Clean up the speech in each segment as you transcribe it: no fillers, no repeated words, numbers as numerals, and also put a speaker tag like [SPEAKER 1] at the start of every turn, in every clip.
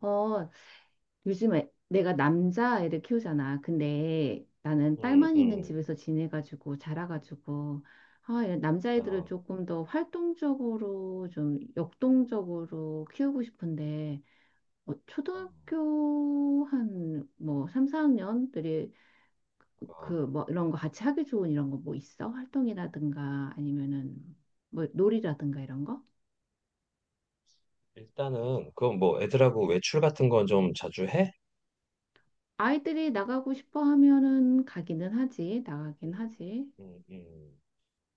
[SPEAKER 1] 어, 요즘에 내가 남자애를 키우잖아. 근데 나는
[SPEAKER 2] 음,
[SPEAKER 1] 딸만 있는
[SPEAKER 2] 음,
[SPEAKER 1] 집에서 지내가지고 자라가지고 이런 남자애들을
[SPEAKER 2] 어,
[SPEAKER 1] 조금 더 활동적으로 좀 역동적으로 키우고 싶은데
[SPEAKER 2] 어,
[SPEAKER 1] 초등학교 한 뭐 삼사학년들이 그
[SPEAKER 2] 어.
[SPEAKER 1] 뭐 이런 거 같이 하기 좋은 이런 거 뭐 있어? 활동이라든가 아니면은 뭐 놀이라든가 이런 거?
[SPEAKER 2] 일단은 그뭐 애들하고 외출 같은 건 좀 자주 해?
[SPEAKER 1] 아이들이 나가고 싶어 하면은 가기는 하지. 나가긴
[SPEAKER 2] 음,
[SPEAKER 1] 하지.
[SPEAKER 2] 음, 음.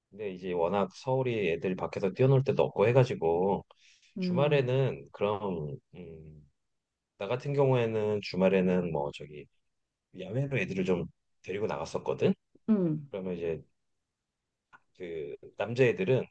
[SPEAKER 2] 근데 이제 워낙 서울이 애들이 밖에서 뛰어놀 때도 없고 해가지고
[SPEAKER 1] 음.
[SPEAKER 2] 주말에는 그럼 나 같은 경우에는 주말에는 뭐 저기 야외로 애들을 좀 데리고 나갔었거든.
[SPEAKER 1] 음,
[SPEAKER 2] 그러면 이제 그 남자애들은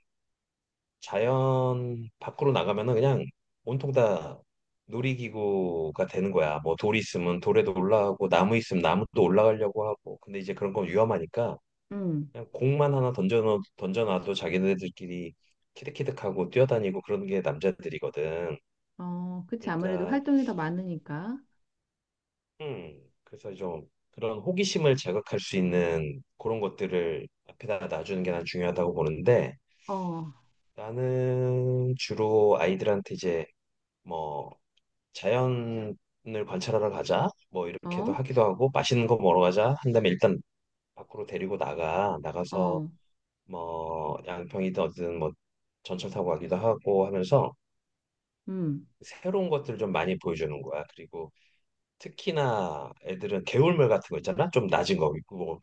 [SPEAKER 2] 자연 밖으로 나가면은 그냥 온통 다 놀이기구가 되는 거야. 뭐 돌 있으면 돌에도 올라가고 나무 있으면 나무도 올라가려고 하고. 근데 이제 그런 건 위험하니까
[SPEAKER 1] 음.
[SPEAKER 2] 그냥 공만 하나 던져놔도 자기네들끼리 키득키득하고 뛰어다니고 그런 게 남자들이거든.
[SPEAKER 1] 어, 그치. 아무래도
[SPEAKER 2] 그러니까
[SPEAKER 1] 활동이 더 많으니까.
[SPEAKER 2] 그래서 좀 그런 호기심을 자극할 수 있는 그런 것들을 앞에다 놔주는 게 난 중요하다고 보는데
[SPEAKER 1] 어,
[SPEAKER 2] 나는 주로 아이들한테 이제 뭐 자연을 관찰하러 가자. 뭐 이렇게도
[SPEAKER 1] 어,
[SPEAKER 2] 하기도 하고 맛있는 거 먹으러 가자. 한 다음에 일단 밖으로 데리고 나가. 나가서
[SPEAKER 1] 어,
[SPEAKER 2] 뭐 양평이든 어디든 뭐 전철 타고 가기도 하고 하면서
[SPEAKER 1] 음.
[SPEAKER 2] 새로운 것들을 좀 많이 보여주는 거야. 그리고 특히나 애들은 개울물 같은 거 있잖아. 좀 낮은 거. 그 뭐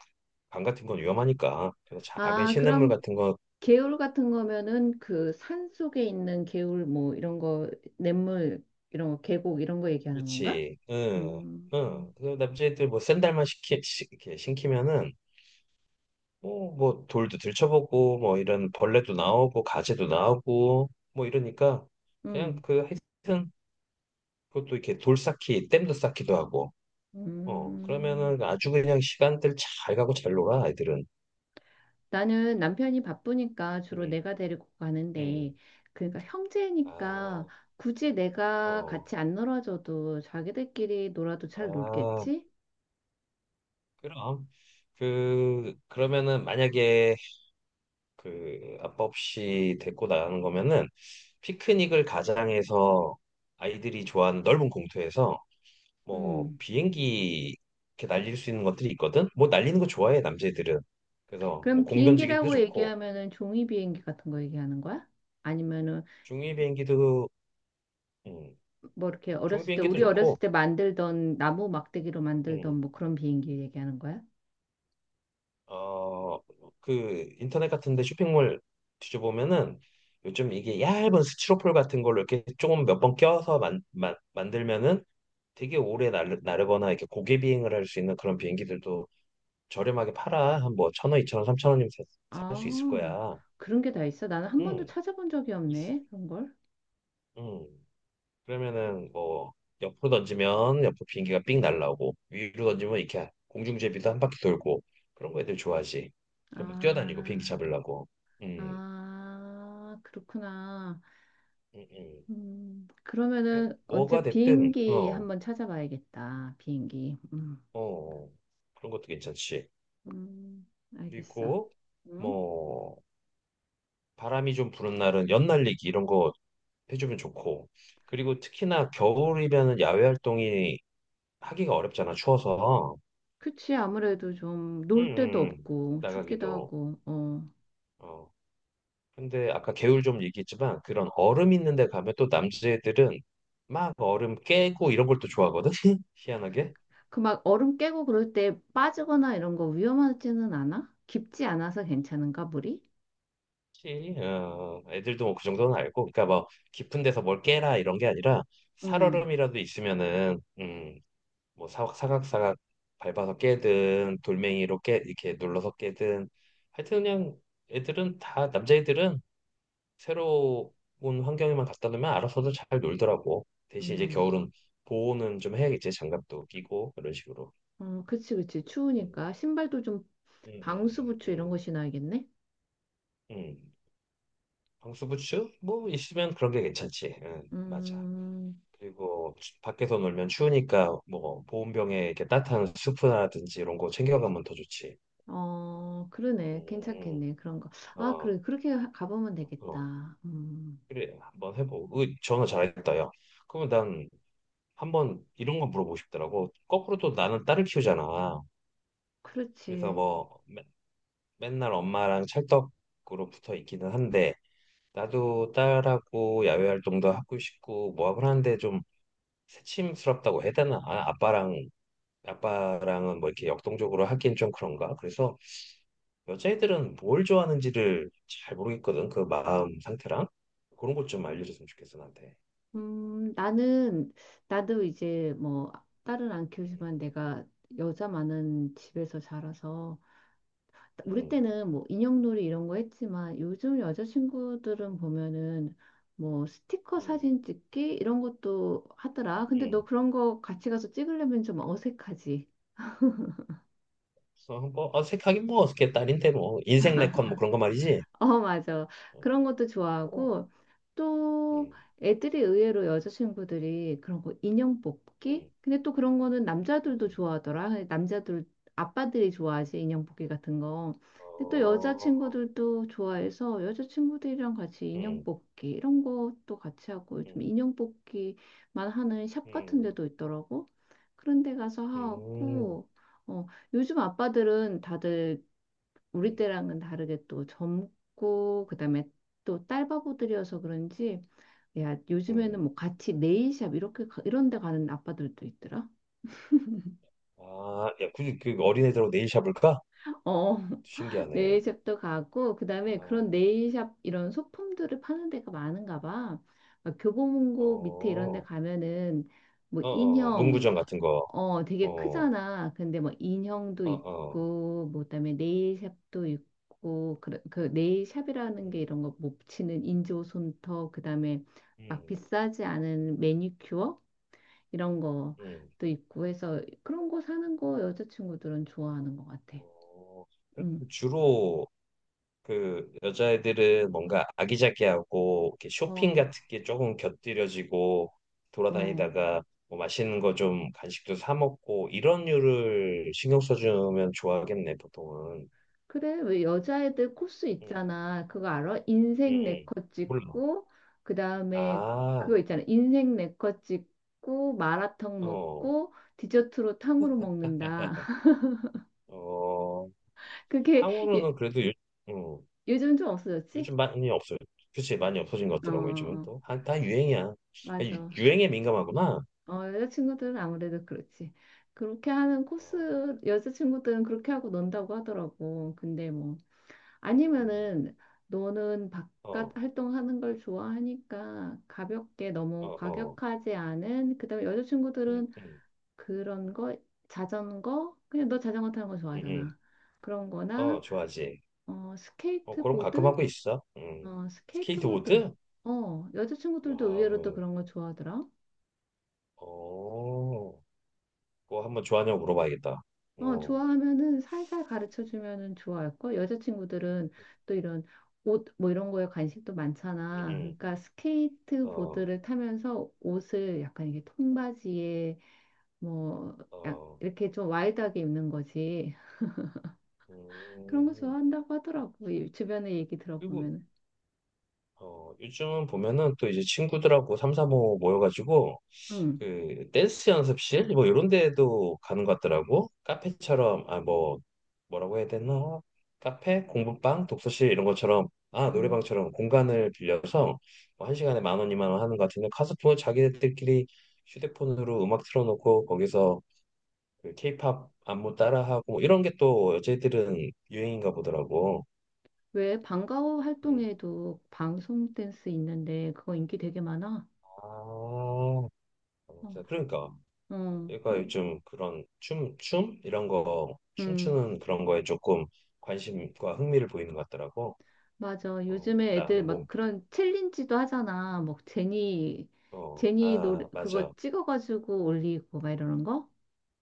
[SPEAKER 2] 강 같은 건 위험하니까. 그래서 작은
[SPEAKER 1] 아,
[SPEAKER 2] 시냇물
[SPEAKER 1] 그럼
[SPEAKER 2] 같은 거.
[SPEAKER 1] 개울 같은 거면은 그 산 속에 있는 개울 뭐 이런 거, 냇물, 이런 거, 계곡 이런 거 얘기하는 건가?
[SPEAKER 2] 그렇지. 응.
[SPEAKER 1] 음,
[SPEAKER 2] 응. 그 남자애들 뭐 샌들만 이렇게 신기면은 뭐, 뭐 돌도 들춰보고 뭐 이런 벌레도 나오고 가재도 나오고 뭐 이러니까 그냥
[SPEAKER 1] 음,
[SPEAKER 2] 그 하여튼 그것도 이렇게 돌 쌓기, 댐도 쌓기도 하고 어
[SPEAKER 1] 음.
[SPEAKER 2] 그러면은 아주 그냥 시간들 잘 가고 잘 놀아 아이들은.
[SPEAKER 1] 나는 남편이 바쁘니까 주로
[SPEAKER 2] 음,
[SPEAKER 1] 내가 데리고
[SPEAKER 2] 음.
[SPEAKER 1] 가는데, 그러니까 형제니까
[SPEAKER 2] 아,
[SPEAKER 1] 굳이 내가
[SPEAKER 2] 어,
[SPEAKER 1] 같이 안 놀아줘도 자기들끼리 놀아도 잘
[SPEAKER 2] 아,
[SPEAKER 1] 놀겠지?
[SPEAKER 2] 그럼 그 그러면은 만약에 그 아빠 없이 데리고 나가는 거면은 피크닉을 가장해서 아이들이 좋아하는 넓은 공터에서 뭐
[SPEAKER 1] 음.
[SPEAKER 2] 비행기 이렇게 날릴 수 있는 것들이 있거든. 뭐 날리는 거 좋아해 남자애들은. 그래서 뭐
[SPEAKER 1] 그럼
[SPEAKER 2] 공 던지기도
[SPEAKER 1] 비행기라고
[SPEAKER 2] 좋고
[SPEAKER 1] 얘기하면은 종이 비행기 같은 거 얘기하는 거야? 아니면은
[SPEAKER 2] 중이 비행기도. 음,
[SPEAKER 1] 뭐 이렇게
[SPEAKER 2] 중
[SPEAKER 1] 어렸을 때
[SPEAKER 2] 비행기도
[SPEAKER 1] 우리 어렸을
[SPEAKER 2] 좋고.
[SPEAKER 1] 때 만들던 나무 막대기로 만들던
[SPEAKER 2] 음,
[SPEAKER 1] 뭐 그런 비행기 얘기하는 거야?
[SPEAKER 2] 어, 그 인터넷 같은데 쇼핑몰 뒤져보면은 요즘 이게 얇은 스티로폴 같은 걸로 이렇게 조금 몇 번 껴서 만들면은 되게 오래 나르거나 이렇게 고개 비행을 할 수 있는 그런 비행기들도 저렴하게 팔아. 한 뭐 1,000원, 2,000원, 삼천 원이면 살
[SPEAKER 1] 아,
[SPEAKER 2] 수 있을 거야.
[SPEAKER 1] 그런 게 다 있어? 나는 한 번도
[SPEAKER 2] 음.
[SPEAKER 1] 찾아본 적이
[SPEAKER 2] 있-
[SPEAKER 1] 없네. 그런 걸.
[SPEAKER 2] 음. 그러면은 뭐 옆으로 던지면 옆으로 비행기가 삥 날라오고 위로 던지면 이렇게 공중제비도 한 바퀴 돌고 그런 거 애들 좋아하지. 전막 뛰어다니고 비행기
[SPEAKER 1] 아,
[SPEAKER 2] 잡으려고. 음,
[SPEAKER 1] 아, 그렇구나.
[SPEAKER 2] 음, 음.
[SPEAKER 1] 그러면은
[SPEAKER 2] 뭐가
[SPEAKER 1] 언제
[SPEAKER 2] 됐든 어,
[SPEAKER 1] 비행기
[SPEAKER 2] 어,
[SPEAKER 1] 한번 찾아봐야겠다. 비행기.
[SPEAKER 2] 어. 그런 것도 괜찮지.
[SPEAKER 1] 음, 알겠어.
[SPEAKER 2] 그리고
[SPEAKER 1] 응?
[SPEAKER 2] 뭐 바람이 좀 부는 날은 연날리기 이런 거 해주면 좋고. 그리고 특히나 겨울이면은 야외 활동이 하기가 어렵잖아 추워서.
[SPEAKER 1] 그치, 아무래도 좀
[SPEAKER 2] 음,
[SPEAKER 1] 놀 데도
[SPEAKER 2] 음, 음.
[SPEAKER 1] 없고 춥기도
[SPEAKER 2] 나가기도.
[SPEAKER 1] 하고, 어.
[SPEAKER 2] 어. 근데 아까 개울 좀 얘기했지만 그런 얼음 있는 데 가면 또 남자애들은 막 얼음 깨고 이런 걸 또 좋아하거든. 희한하게.
[SPEAKER 1] 그 막 얼음 깨고 그럴 때 빠지거나 이런 거 위험하지는 않아? 깊지 않아서 괜찮은가, 물이?
[SPEAKER 2] 혹시, 어, 애들도 뭐 그 정도는 알고. 그러니까 뭐 깊은 데서 뭘 깨라 이런 게 아니라
[SPEAKER 1] 음,
[SPEAKER 2] 살얼음이라도 있으면은 뭐 사각 사각 사각 밟아서 깨든 돌멩이로 깨 이렇게 눌러서 깨든 하여튼 그냥 애들은 다 남자애들은 새로운 환경에만 갖다 놓으면 알아서도 잘 놀더라고. 대신 이제
[SPEAKER 1] 음.
[SPEAKER 2] 겨울은 보호는 좀 해야겠지. 장갑도 끼고 이런 식으로.
[SPEAKER 1] 어, 그치, 그치.
[SPEAKER 2] 음,
[SPEAKER 1] 추우니까 신발도 좀
[SPEAKER 2] 음,
[SPEAKER 1] 방수
[SPEAKER 2] 음,
[SPEAKER 1] 부츠 이런
[SPEAKER 2] 음,
[SPEAKER 1] 거 신어야겠네.
[SPEAKER 2] 음. 방수부츠 뭐 있으면 그런 게 괜찮지. 응, 맞아.
[SPEAKER 1] 음,
[SPEAKER 2] 그리고 밖에서 놀면 추우니까 뭐 보온병에 이렇게 따뜻한 수프라든지 이런 거 챙겨가면 더 좋지.
[SPEAKER 1] 어, 그러네.
[SPEAKER 2] 음,
[SPEAKER 1] 괜찮겠네. 그런 거. 아,
[SPEAKER 2] 어,
[SPEAKER 1] 그래. 그렇게 가보면
[SPEAKER 2] 어. 어.
[SPEAKER 1] 되겠다.
[SPEAKER 2] 그래, 한번 해보고. 으, 전화 잘했다, 야. 그러면 난 한번 이런 거 물어보고 싶더라고. 거꾸로 또 나는 딸을 키우잖아. 그래서
[SPEAKER 1] 그렇지.
[SPEAKER 2] 뭐 맨날 엄마랑 찰떡으로 붙어 있기는 한데 나도 딸하고 야외 활동도 하고 싶고 뭐 하고 하는데 좀 새침스럽다고 해야 되나? 아, 아빠랑은 뭐 이렇게 역동적으로 하기엔 좀 그런가? 그래서 여자애들은 뭘 좋아하는지를 잘 모르겠거든. 그 마음 상태랑 그런 것 좀 알려줬으면 좋겠어 나한테.
[SPEAKER 1] 음, 나는, 나도 이제 뭐, 딸은 안 키우지만
[SPEAKER 2] 음,
[SPEAKER 1] 내가 여자 많은 집에서 자라서, 우리
[SPEAKER 2] 음,
[SPEAKER 1] 때는 뭐, 인형놀이 이런 거 했지만, 요즘 여자친구들은 보면은, 뭐, 스티커
[SPEAKER 2] 음,
[SPEAKER 1] 사진 찍기? 이런 것도 하더라. 근데 너
[SPEAKER 2] 음.
[SPEAKER 1] 그런 거 같이 가서 찍으려면 좀 어색하지.
[SPEAKER 2] 그래서 한번 어색하긴 뭐 어색해 딸인데 뭐 인생 네컷뭐 그런 거 말이지.
[SPEAKER 1] 어, 맞아.
[SPEAKER 2] 어,
[SPEAKER 1] 그런 것도
[SPEAKER 2] 어,
[SPEAKER 1] 좋아하고, 또
[SPEAKER 2] 음,
[SPEAKER 1] 애들이 의외로 여자친구들이 그런 거 인형 뽑기?
[SPEAKER 2] 음.
[SPEAKER 1] 근데 또 그런 거는 남자들도
[SPEAKER 2] 음.
[SPEAKER 1] 좋아하더라. 아빠들이 좋아하지, 인형 뽑기 같은 거. 근데 또
[SPEAKER 2] 어,
[SPEAKER 1] 여자친구들도 좋아해서 여자친구들이랑 같이 인형
[SPEAKER 2] 음,
[SPEAKER 1] 뽑기 이런 것도 같이 하고 요즘
[SPEAKER 2] 음,
[SPEAKER 1] 인형 뽑기만 하는 샵 같은
[SPEAKER 2] 음,
[SPEAKER 1] 데도 있더라고. 그런 데 가서
[SPEAKER 2] 음,
[SPEAKER 1] 하고, 어, 요즘 아빠들은 다들 우리
[SPEAKER 2] 음,
[SPEAKER 1] 때랑은 다르게 또 젊고 그다음에 또 딸바보들이어서 그런지 야 요즘에는
[SPEAKER 2] 음.
[SPEAKER 1] 뭐 같이 네일샵 이렇게 이런 데 가는 아빠들도 있더라.
[SPEAKER 2] 아, 야, 굳이 그 어린애들하고 네일 샵을까?
[SPEAKER 1] 어
[SPEAKER 2] 신기하네.
[SPEAKER 1] 네일샵도 가고
[SPEAKER 2] 아,
[SPEAKER 1] 그다음에 그런
[SPEAKER 2] 어,
[SPEAKER 1] 네일샵 이런 소품들을 파는 데가 많은가 봐. 막 교보문고 밑에 이런 데
[SPEAKER 2] 어,
[SPEAKER 1] 가면은 뭐
[SPEAKER 2] 어,
[SPEAKER 1] 인형
[SPEAKER 2] 문구점 같은 거.
[SPEAKER 1] 어, 되게
[SPEAKER 2] 어,
[SPEAKER 1] 크잖아. 근데 뭐 인형도
[SPEAKER 2] 어, 어.
[SPEAKER 1] 있고, 뭐 그다음에 네일샵도 있고, 그 네일샵이라는 게
[SPEAKER 2] 음,
[SPEAKER 1] 이런 거 못 치는 인조 손톱, 그다음에 막
[SPEAKER 2] 음,
[SPEAKER 1] 비싸지 않은 매니큐어 이런
[SPEAKER 2] 음.
[SPEAKER 1] 것도 있고 해서 그런 거 사는 거 여자친구들은 좋아하는 것 같아.
[SPEAKER 2] 어, 그럼
[SPEAKER 1] 음,
[SPEAKER 2] 주로 그 여자애들은 뭔가 아기자기하고 이렇게 쇼핑
[SPEAKER 1] 어,
[SPEAKER 2] 같은 게 조금 곁들여지고
[SPEAKER 1] 어.
[SPEAKER 2] 돌아다니다가 뭐 맛있는 거 좀 간식도 사 먹고 이런 류를 신경 써주면 좋아하겠네 보통은.
[SPEAKER 1] 그래, 왜 여자애들 코스
[SPEAKER 2] 응,
[SPEAKER 1] 있잖아. 그거 알아?
[SPEAKER 2] 응,
[SPEAKER 1] 인생
[SPEAKER 2] 응.
[SPEAKER 1] 네컷
[SPEAKER 2] 몰라.
[SPEAKER 1] 찍고, 그 다음에
[SPEAKER 2] 아,
[SPEAKER 1] 그거 있잖아. 인생 네컷 찍고, 마라탕
[SPEAKER 2] 어,
[SPEAKER 1] 먹고, 디저트로 탕후루 먹는다.
[SPEAKER 2] 어.
[SPEAKER 1] 그게 요-
[SPEAKER 2] 탕후루는 그래도 요, 음,
[SPEAKER 1] 요즘 좀 없어졌지?
[SPEAKER 2] 요즘 많이 없어요. 그치, 많이 없어진 것
[SPEAKER 1] 어,
[SPEAKER 2] 같더라고 요즘은
[SPEAKER 1] 어,
[SPEAKER 2] 또. 다 유행이야. 아,
[SPEAKER 1] 맞아.
[SPEAKER 2] 유행에 민감하구나.
[SPEAKER 1] 어, 여자친구들은 아무래도 그렇지. 그렇게 하는
[SPEAKER 2] 어,
[SPEAKER 1] 코스, 여자친구들은 그렇게 하고 논다고 하더라고. 근데 뭐,
[SPEAKER 2] 음,
[SPEAKER 1] 아니면은 너는 바깥
[SPEAKER 2] 어,
[SPEAKER 1] 활동하는 걸 좋아하니까 가볍게
[SPEAKER 2] 어,
[SPEAKER 1] 너무
[SPEAKER 2] 어.
[SPEAKER 1] 과격하지 않은 그다음에
[SPEAKER 2] 음,
[SPEAKER 1] 여자친구들은
[SPEAKER 2] 음.
[SPEAKER 1] 그런 거 자전거 그냥 너 자전거 타는 거
[SPEAKER 2] 음, 음.
[SPEAKER 1] 좋아하잖아. 그런 거나
[SPEAKER 2] 어, 좋아하지.
[SPEAKER 1] 어
[SPEAKER 2] 어, 그럼 가끔
[SPEAKER 1] 스케이트보드
[SPEAKER 2] 하고 있어. 음.
[SPEAKER 1] 어 스케이트보드
[SPEAKER 2] 스케이트보드?
[SPEAKER 1] 어
[SPEAKER 2] 아,
[SPEAKER 1] 여자친구들도 의외로 또
[SPEAKER 2] 어,
[SPEAKER 1] 그런 거 좋아하더라.
[SPEAKER 2] 어. 그거 한번 좋아하냐고 물어봐야겠다.
[SPEAKER 1] 어,
[SPEAKER 2] 어,
[SPEAKER 1] 좋아하면은 살살 가르쳐 주면은 좋아할 걸. 여자친구들은 또 이런 옷 뭐 이런 거에 관심도
[SPEAKER 2] 음,
[SPEAKER 1] 많잖아.
[SPEAKER 2] 음.
[SPEAKER 1] 그러니까
[SPEAKER 2] 어,
[SPEAKER 1] 스케이트보드를 타면서 옷을 약간 이게 통바지에 뭐
[SPEAKER 2] 어,
[SPEAKER 1] 이렇게 좀 와일드하게 입는 거지. 그런 거
[SPEAKER 2] 음.
[SPEAKER 1] 좋아한다고 하더라고. 이 주변에 얘기
[SPEAKER 2] 그리고,
[SPEAKER 1] 들어보면.
[SPEAKER 2] 어, 요즘 보면은 또 이제 친구들하고 삼삼오오 모여가지고,
[SPEAKER 1] 응.
[SPEAKER 2] 그, 댄스 연습실? 뭐, 이런 데도 가는 것 같더라고. 카페처럼, 아, 뭐, 뭐라고 해야 되나? 카페, 공부방, 독서실 이런 것처럼 아
[SPEAKER 1] 음.
[SPEAKER 2] 노래방처럼 공간을 빌려서 뭐한 시간에 10,000원, 20,000원 하는 것 같은데 카스프 자기들끼리 휴대폰으로 음악 틀어놓고 거기서 그 케이팝 안무 따라하고 뭐 이런 게 또 여자애들은 유행인가 보더라고.
[SPEAKER 1] 왜 방과후
[SPEAKER 2] 음.
[SPEAKER 1] 활동에도 방송 댄스 있는데 그거 인기 되게 많아?
[SPEAKER 2] 아,
[SPEAKER 1] 어.
[SPEAKER 2] 진짜 그러니까
[SPEAKER 1] 어.
[SPEAKER 2] 얘가
[SPEAKER 1] 그
[SPEAKER 2] 요즘 그런 춤 이런 거
[SPEAKER 1] 음.
[SPEAKER 2] 춤추는 그런 거에 조금 관심과 흥미를 보이는 것 같더라고.
[SPEAKER 1] 맞아.
[SPEAKER 2] 어,
[SPEAKER 1] 요즘에 애들
[SPEAKER 2] 나는 뭐,
[SPEAKER 1] 막 그런 챌린지도 하잖아. 뭐
[SPEAKER 2] 어,
[SPEAKER 1] 제니 노래,
[SPEAKER 2] 아, 맞아.
[SPEAKER 1] 그거 찍어가지고 올리고 막 이러는 거?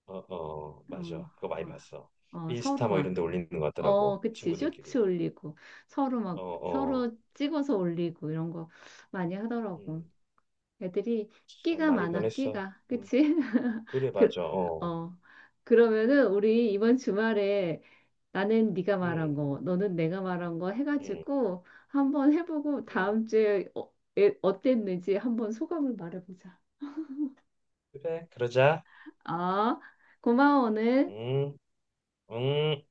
[SPEAKER 2] 어, 어, 맞아.
[SPEAKER 1] 어,
[SPEAKER 2] 그거 많이
[SPEAKER 1] 어,
[SPEAKER 2] 봤어.
[SPEAKER 1] 어, 서로
[SPEAKER 2] 인스타 뭐
[SPEAKER 1] 막,
[SPEAKER 2] 이런 데 올리는 것 같더라고.
[SPEAKER 1] 어, 그치. 쇼츠
[SPEAKER 2] 친구들끼리.
[SPEAKER 1] 올리고, 서로
[SPEAKER 2] 어,
[SPEAKER 1] 막,
[SPEAKER 2] 어.
[SPEAKER 1] 서로 찍어서 올리고 이런 거 많이 하더라고.
[SPEAKER 2] 음,
[SPEAKER 1] 애들이
[SPEAKER 2] 참
[SPEAKER 1] 끼가
[SPEAKER 2] 많이
[SPEAKER 1] 많아,
[SPEAKER 2] 변했어.
[SPEAKER 1] 끼가.
[SPEAKER 2] 음,
[SPEAKER 1] 그치?
[SPEAKER 2] 그래,
[SPEAKER 1] 그,
[SPEAKER 2] 맞아. 어.
[SPEAKER 1] 어. 그러면은 우리 이번 주말에 나는 네가 말한
[SPEAKER 2] 음,
[SPEAKER 1] 거, 너는 내가 말한 거
[SPEAKER 2] 음,
[SPEAKER 1] 해가지고 한번 해보고
[SPEAKER 2] 음.
[SPEAKER 1] 다음 주에 어땠는지 한번 소감을 말해보자.
[SPEAKER 2] 그래, 그러자.
[SPEAKER 1] 아, 고마워, 오늘.
[SPEAKER 2] 음, 음.